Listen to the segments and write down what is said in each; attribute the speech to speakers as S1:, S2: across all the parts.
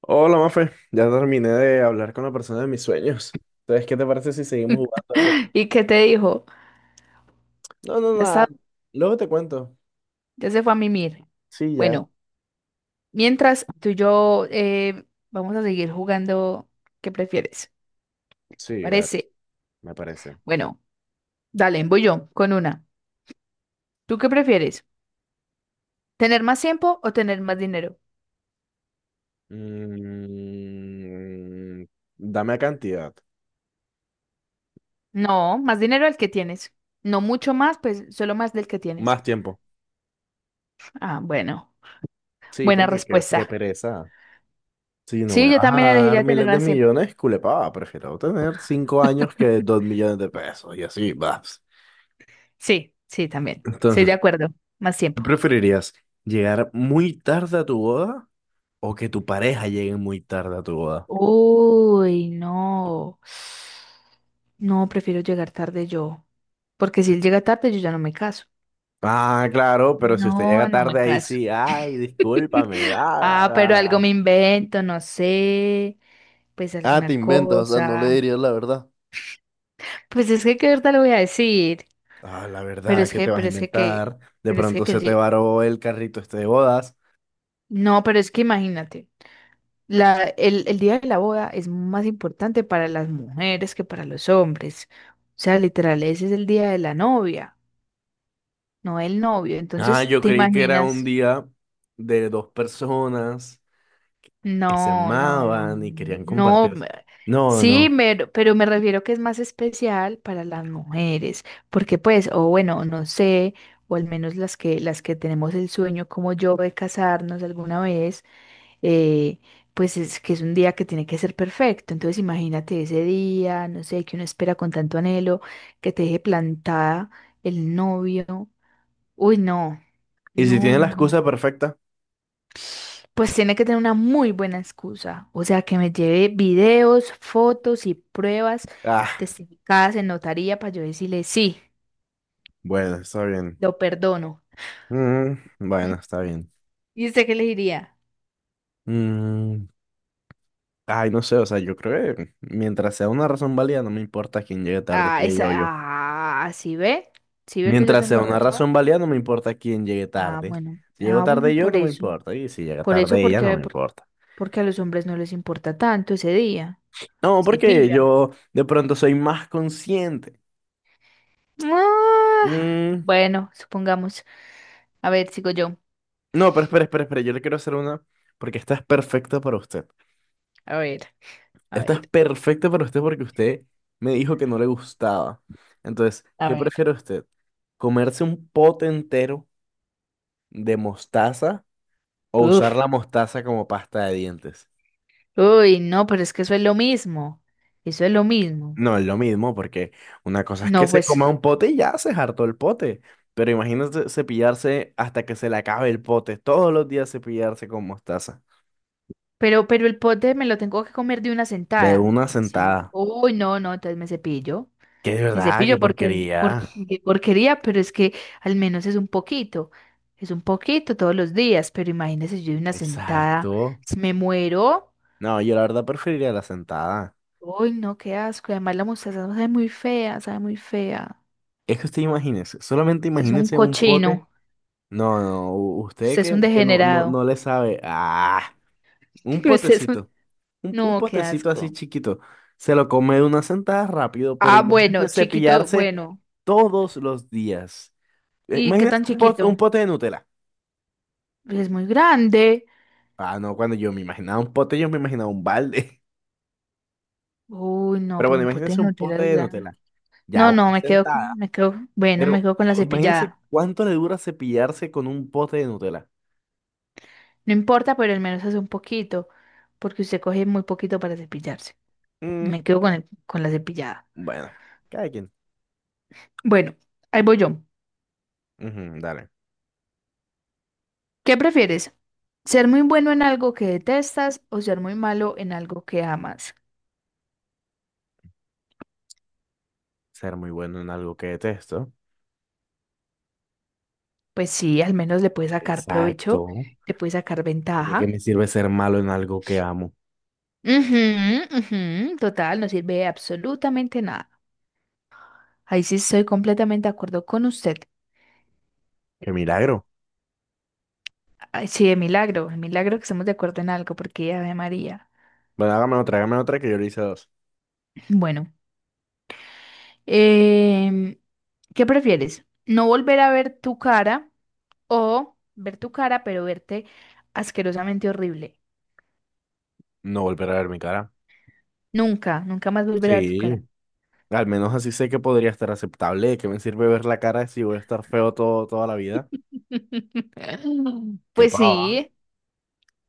S1: Hola, Mafe. Ya terminé de hablar con la persona de mis sueños. Entonces, ¿qué te parece si seguimos jugando aquí?
S2: ¿Y qué te dijo?
S1: No, no,
S2: Ya
S1: nada.
S2: está,
S1: Luego te cuento.
S2: ya se fue a mimir.
S1: Sí, ya.
S2: Bueno, mientras tú y yo vamos a seguir jugando, ¿qué prefieres?
S1: Sí, dale,
S2: ¿Parece?
S1: me parece.
S2: Bueno, dale, voy yo con una. ¿Tú qué prefieres? ¿Tener más tiempo o tener más dinero?
S1: Mm, dame cantidad.
S2: No, más dinero el que tienes. No mucho más, pues solo más del que tienes.
S1: Más tiempo.
S2: Ah, bueno,
S1: Sí,
S2: buena
S1: porque qué
S2: respuesta.
S1: pereza. Si no me
S2: Sí, yo
S1: vas a
S2: también
S1: dar
S2: elegiría tener
S1: miles de
S2: más tiempo.
S1: millones, culepaba. Prefiero tener 5 años que 2 millones de pesos y así vas.
S2: Sí, sí, también. Estoy de
S1: Entonces,
S2: acuerdo. Más
S1: ¿qué
S2: tiempo.
S1: preferirías? ¿Llegar muy tarde a tu boda? O que tu pareja llegue muy tarde a tu boda.
S2: Uy, no. No, prefiero llegar tarde yo. Porque si él llega tarde, yo ya no me caso.
S1: Ah, claro, pero si usted llega
S2: No, no
S1: tarde
S2: me
S1: ahí
S2: caso.
S1: sí, ay, discúlpame, va, va,
S2: Ah,
S1: va,
S2: pero algo me
S1: va.
S2: invento, no sé. Pues
S1: Ah, te
S2: alguna
S1: inventas, o sea, no le
S2: cosa.
S1: dirías la verdad.
S2: Pues es que qué verdad le voy a decir.
S1: Ah, la
S2: Pero
S1: verdad,
S2: es
S1: ¿qué
S2: que,
S1: te vas a
S2: pero es que, que,
S1: inventar? De
S2: pero es
S1: pronto
S2: que él
S1: se te
S2: llegue-
S1: varó el carrito este de bodas.
S2: No, pero es que imagínate. El día de la boda es más importante para las mujeres que para los hombres. O sea, literal, ese es el día de la novia, no el novio.
S1: Ah,
S2: Entonces,
S1: yo
S2: ¿te
S1: creí que era un
S2: imaginas?
S1: día de dos personas que se
S2: No, no, no,
S1: amaban y querían
S2: no.
S1: compartir. No,
S2: Sí,
S1: no.
S2: pero me refiero que es más especial para las mujeres, porque pues, o bueno, no sé, o al menos las que, tenemos el sueño como yo de casarnos alguna vez, eh, pues es que es un día que tiene que ser perfecto. Entonces, imagínate ese día, no sé, que uno espera con tanto anhelo, que te deje plantada el novio. Uy, no,
S1: ¿Y si
S2: no,
S1: tiene la
S2: no,
S1: excusa
S2: no.
S1: perfecta?
S2: Pues tiene que tener una muy buena excusa, o sea, que me lleve videos, fotos y pruebas
S1: Ah,
S2: testificadas en notaría para yo decirle, sí,
S1: bueno, está bien.
S2: lo perdono.
S1: Mm, bueno, está bien.
S2: ¿Y usted qué le diría?
S1: Mm, ay, no sé, o sea, yo creo que mientras sea una razón válida, no me importa quién llegue tarde,
S2: Ah,
S1: si ella
S2: esa,
S1: o yo.
S2: ah, ¿sí ve? ¿Sí ve que yo
S1: Mientras sea
S2: tengo
S1: una razón
S2: razón?
S1: válida, no me importa quién llegue
S2: Ah,
S1: tarde.
S2: bueno,
S1: Si llego
S2: ah, bueno,
S1: tarde yo, no me importa. Y si llega
S2: por eso,
S1: tarde ella, no
S2: porque,
S1: me importa.
S2: porque a los hombres no les importa tanto ese día,
S1: No,
S2: si
S1: porque
S2: pilla.
S1: yo de pronto soy más consciente.
S2: Ah,
S1: Mm,
S2: bueno, supongamos, a ver, sigo yo,
S1: no, pero espera, espera, espera, yo le quiero hacer una, porque esta es perfecta para usted.
S2: a ver, a
S1: Esta
S2: ver.
S1: es perfecta para usted porque usted me dijo que no le gustaba. Entonces,
S2: A
S1: ¿qué
S2: ver.
S1: prefiere usted? ¿Comerse un pote entero de mostaza? O
S2: Uf.
S1: usar la mostaza como pasta de dientes.
S2: Uy, no, pero es que eso es lo mismo. Eso es lo mismo.
S1: No es lo mismo, porque una cosa es que
S2: No,
S1: se
S2: pues,
S1: coma un pote y ya se hartó el pote. Pero imagínate cepillarse hasta que se le acabe el pote. Todos los días cepillarse con mostaza.
S2: pero el pote me lo tengo que comer de una
S1: De
S2: sentada.
S1: una
S2: Sí.
S1: sentada.
S2: Uy, no, no, entonces me cepillo.
S1: Que de
S2: Me
S1: verdad, qué
S2: cepillo porque, porque
S1: porquería.
S2: qué porquería, pero es que al menos es un poquito. Es un poquito todos los días, pero imagínese si yo de una sentada,
S1: Exacto.
S2: si me muero.
S1: No, yo la verdad preferiría la sentada.
S2: Uy, no, qué asco. Y además la mostaza sabe muy fea, sabe muy fea.
S1: Es que usted imagínese, solamente
S2: Usted es un
S1: imagínese un pote.
S2: cochino,
S1: No, no, usted
S2: usted es
S1: que,
S2: un
S1: que no, no,
S2: degenerado.
S1: no le sabe. Ah. Un
S2: Usted es un.
S1: potecito. Un
S2: No, qué
S1: potecito así
S2: asco.
S1: chiquito. Se lo come de una sentada rápido, pero
S2: Ah, bueno,
S1: imagínate
S2: chiquito,
S1: cepillarse
S2: bueno.
S1: todos los días.
S2: ¿Y qué
S1: Imagínate
S2: tan
S1: un
S2: chiquito?
S1: pote de Nutella.
S2: Es muy grande.
S1: Ah, no, cuando yo me imaginaba un pote, yo me imaginaba un balde.
S2: Uy, no,
S1: Pero
S2: pero
S1: bueno,
S2: un pote de
S1: imagínense un
S2: Nutella
S1: pote
S2: es
S1: de
S2: grande.
S1: Nutella. Ya
S2: No, no,
S1: una
S2: me quedo,
S1: sentada.
S2: me quedo, bueno, me
S1: Pero
S2: quedo con la
S1: oh, imagínense
S2: cepillada.
S1: cuánto le dura cepillarse con un pote de Nutella.
S2: No importa, pero al menos hace un poquito, porque usted coge muy poquito para cepillarse.
S1: Mm,
S2: Me quedo con con la cepillada.
S1: bueno, cada quien.
S2: Bueno, ahí voy yo.
S1: Ujú, dale.
S2: ¿Qué prefieres? ¿Ser muy bueno en algo que detestas o ser muy malo en algo que amas?
S1: Ser muy bueno en algo que detesto.
S2: Pues sí, al menos le puedes sacar provecho,
S1: Exacto.
S2: le puedes sacar
S1: ¿De qué
S2: ventaja.
S1: me sirve ser malo en algo que amo?
S2: Ujú, ujú, total, no sirve de absolutamente nada. Ahí sí estoy completamente de acuerdo con usted.
S1: ¡Qué milagro!
S2: Ay, sí, de milagro que estemos de acuerdo en algo, porque Ave María.
S1: Bueno, hágame otra que yo le hice dos.
S2: Bueno, em, ¿qué prefieres? ¿No volver a ver tu cara o ver tu cara, pero verte asquerosamente horrible?
S1: No volver a ver mi cara.
S2: Nunca, nunca más volver a ver tu
S1: Sí,
S2: cara.
S1: al menos así sé que podría estar aceptable. ¿De qué me sirve ver la cara si voy a estar feo todo, toda la vida? ¡Qué
S2: Pues
S1: pava!
S2: sí,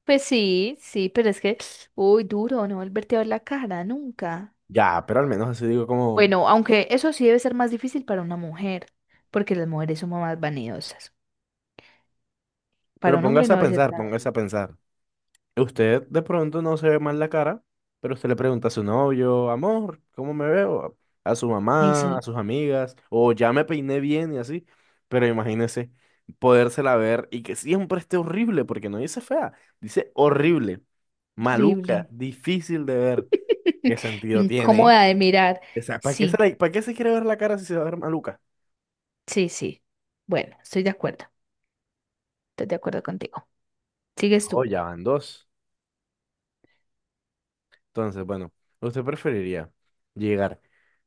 S2: pues sí, sí, pero es que, uy, duro, no volverte a ver la cara, nunca.
S1: Ya, pero al menos así digo como...
S2: Bueno, aunque eso sí debe ser más difícil para una mujer, porque las mujeres somos más vanidosas.
S1: Pero
S2: Para un hombre
S1: póngase a
S2: no debe ser
S1: pensar,
S2: tan
S1: póngase
S2: horrible.
S1: a pensar. Usted de pronto no se ve mal la cara, pero usted le pregunta a su novio, amor, ¿cómo me veo? A su mamá,
S2: Dice,
S1: a sus amigas, o ya me peiné bien y así. Pero imagínese podérsela ver y que siempre esté horrible, porque no dice fea, dice horrible, maluca,
S2: horrible.
S1: difícil de ver. ¿Qué sentido tiene?
S2: Incómoda de mirar.
S1: O sea, ¿para qué
S2: Sí,
S1: para qué se quiere ver la cara si se va a ver maluca?
S2: sí, sí. Bueno, estoy de acuerdo. Estoy de acuerdo contigo. Sigues
S1: Oh,
S2: tú.
S1: ya van dos. Entonces, bueno, ¿usted preferiría llegar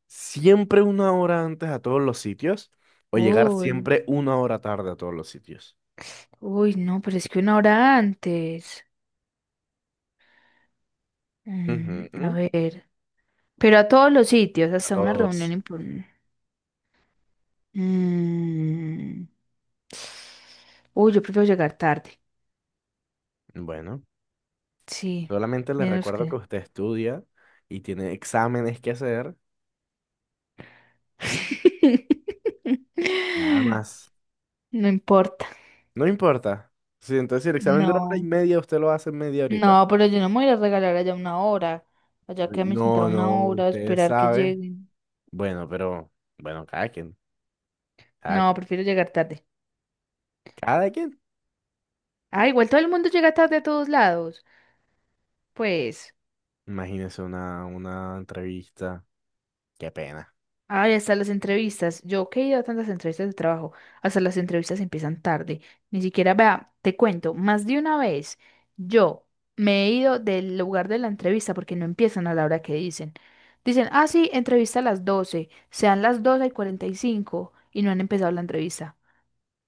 S1: siempre una hora antes a todos los sitios o llegar
S2: Uy,
S1: siempre una hora tarde a todos los sitios?
S2: uy, no, pero es que una hora antes. Mm,
S1: Ujú.
S2: a ver. Pero a todos los sitios,
S1: A
S2: hasta una reunión
S1: todos.
S2: importante. Mm. Uy, yo prefiero llegar tarde.
S1: Bueno,
S2: Sí,
S1: solamente les
S2: digamos
S1: recuerdo que
S2: que.
S1: usted estudia y tiene exámenes que hacer, nada más.
S2: No importa.
S1: No importa. Si entonces si el examen dura hora y
S2: No.
S1: media, usted lo hace en media horita.
S2: No, pero yo no me voy a ir a regalar allá una hora. Allá que me sentado
S1: No, no,
S2: una hora a
S1: usted
S2: esperar que
S1: sabe.
S2: lleguen.
S1: Bueno, pero, bueno, cada quien, cada
S2: No,
S1: quien,
S2: prefiero llegar tarde.
S1: cada quien.
S2: Ah, igual todo el mundo llega tarde a todos lados. Pues.
S1: Imagínese una entrevista. Qué pena.
S2: Ay, hasta las entrevistas. Yo que he ido a tantas entrevistas de trabajo, hasta las entrevistas empiezan tarde. Ni siquiera, vea, te cuento, más de una vez yo me he ido del lugar de la entrevista porque no empiezan a la hora que dicen. Dicen, ah, sí, entrevista a las 12, sean las 12 y 45 y cinco y no han empezado la entrevista.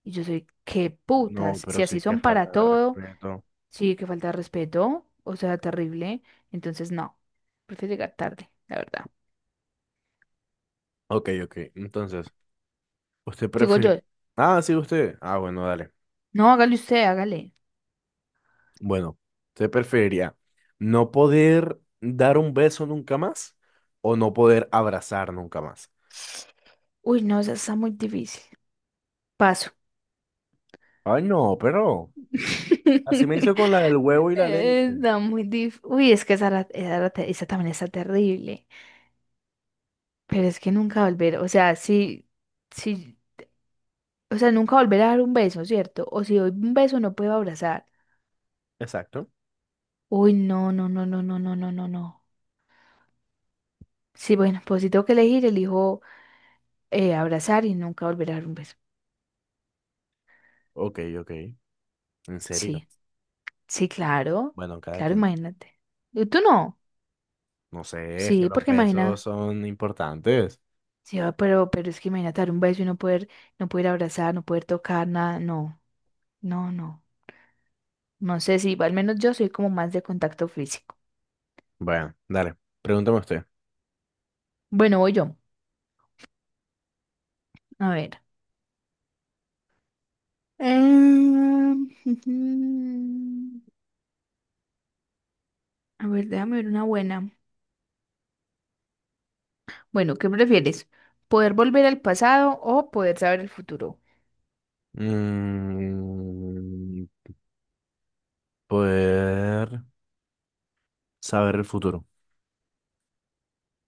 S2: Y yo soy, qué
S1: No,
S2: putas, si
S1: pero
S2: así
S1: sí que
S2: son para
S1: falta de
S2: todo,
S1: respeto.
S2: sí, que falta de respeto, o sea, terrible. Entonces, no, prefiero llegar tarde, la verdad.
S1: Ok, ok. Entonces, ¿usted
S2: Digo
S1: prefiere?
S2: yo,
S1: Ah, sí, usted. Ah, bueno, dale.
S2: no, hágale usted, hágale.
S1: Bueno, ¿usted preferiría no poder dar un beso nunca más o no poder abrazar nunca más?
S2: Uy, no, esa está muy difícil. Paso.
S1: Ay, no, pero así me hizo con la del huevo y la leche.
S2: Está muy difícil. Uy, es que esa también está terrible. Pero es que nunca volver, o sea, si, o sea, nunca volver a dar un beso, ¿cierto? O si doy un beso no puedo abrazar.
S1: Exacto.
S2: Uy, no, no, no, no, no, no, no, no, no. Sí, bueno, pues si tengo que elegir, elijo abrazar y nunca volver a dar un beso.
S1: Ok, ok. ¿En serio?
S2: Sí, sí, claro,
S1: Bueno, cada
S2: claro,
S1: quien.
S2: imagínate. ¿Y tú no?
S1: No sé, es que
S2: Sí,
S1: los
S2: porque
S1: besos
S2: imagina.
S1: son importantes.
S2: Sí, ah, pero es que imagínate dar un beso y no poder, no poder abrazar, no poder tocar nada, no, no, no. No sé si, al menos yo soy como más de contacto físico.
S1: Bueno, dale. Pregúntame usted.
S2: Bueno, voy yo. A ver. Em, A ver, déjame ver una buena. Bueno, ¿qué prefieres? ¿Poder volver al pasado o poder saber el futuro?
S1: Mm, poder saber el futuro.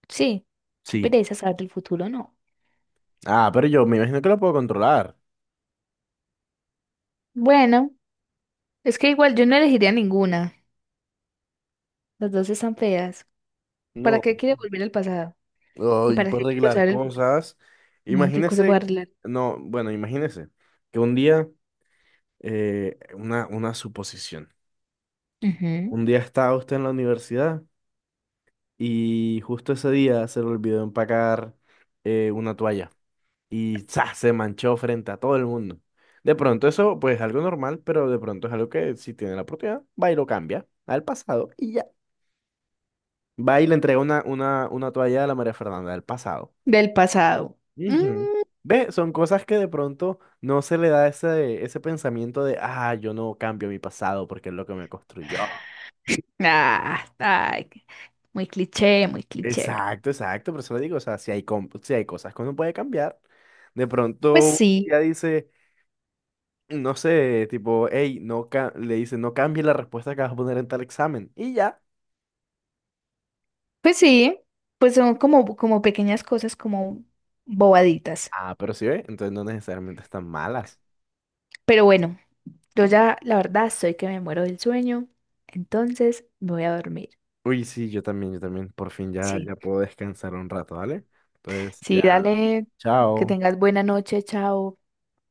S2: Sí, qué
S1: Sí.
S2: pereza saber el futuro, no.
S1: Ah, pero yo me imagino que lo puedo controlar.
S2: Bueno, es que igual yo no elegiría ninguna. Las dos están feas. ¿Para
S1: No.
S2: qué quiero volver al pasado? ¿Y
S1: Ay,
S2: para
S1: puedo
S2: qué quiero
S1: arreglar
S2: saber el futuro?
S1: cosas.
S2: No, qué cosa voy
S1: Imagínese,
S2: a arreglar.
S1: no, bueno, imagínese que un día, una suposición.
S2: Ujú.
S1: Un día estaba usted en la universidad y justo ese día se le olvidó empacar una toalla y ¡za! Se manchó frente a todo el mundo. De pronto eso, pues es algo normal, pero de pronto es algo que si tiene la oportunidad, va y lo cambia al pasado y ya. Va y le entrega una toalla a la María Fernanda del pasado.
S2: Del pasado. Mm,
S1: Ujú. Ve, son cosas que de pronto no se le da ese pensamiento de, ah, yo no cambio mi pasado porque es lo que me construyó.
S2: ah, ay, muy cliché, muy cliché.
S1: Exacto, exacto, por eso le digo, o sea, si hay cosas que uno puede cambiar, de
S2: Pues
S1: pronto
S2: sí,
S1: ya dice, no sé, tipo, hey, le dice, no cambie la respuesta que vas a poner en tal examen. Y ya.
S2: pues sí, pues son como, pequeñas cosas, como bobaditas.
S1: Ah, pero sí ve, entonces no necesariamente están malas.
S2: Pero bueno, yo ya, la verdad, estoy que me muero del sueño, entonces me voy a dormir.
S1: Uy, sí, yo también, yo también. Por fin ya,
S2: Sí,
S1: ya puedo descansar un rato, ¿vale? Entonces,
S2: sí,
S1: ya,
S2: dale, que
S1: chao.
S2: tengas buena noche, chao.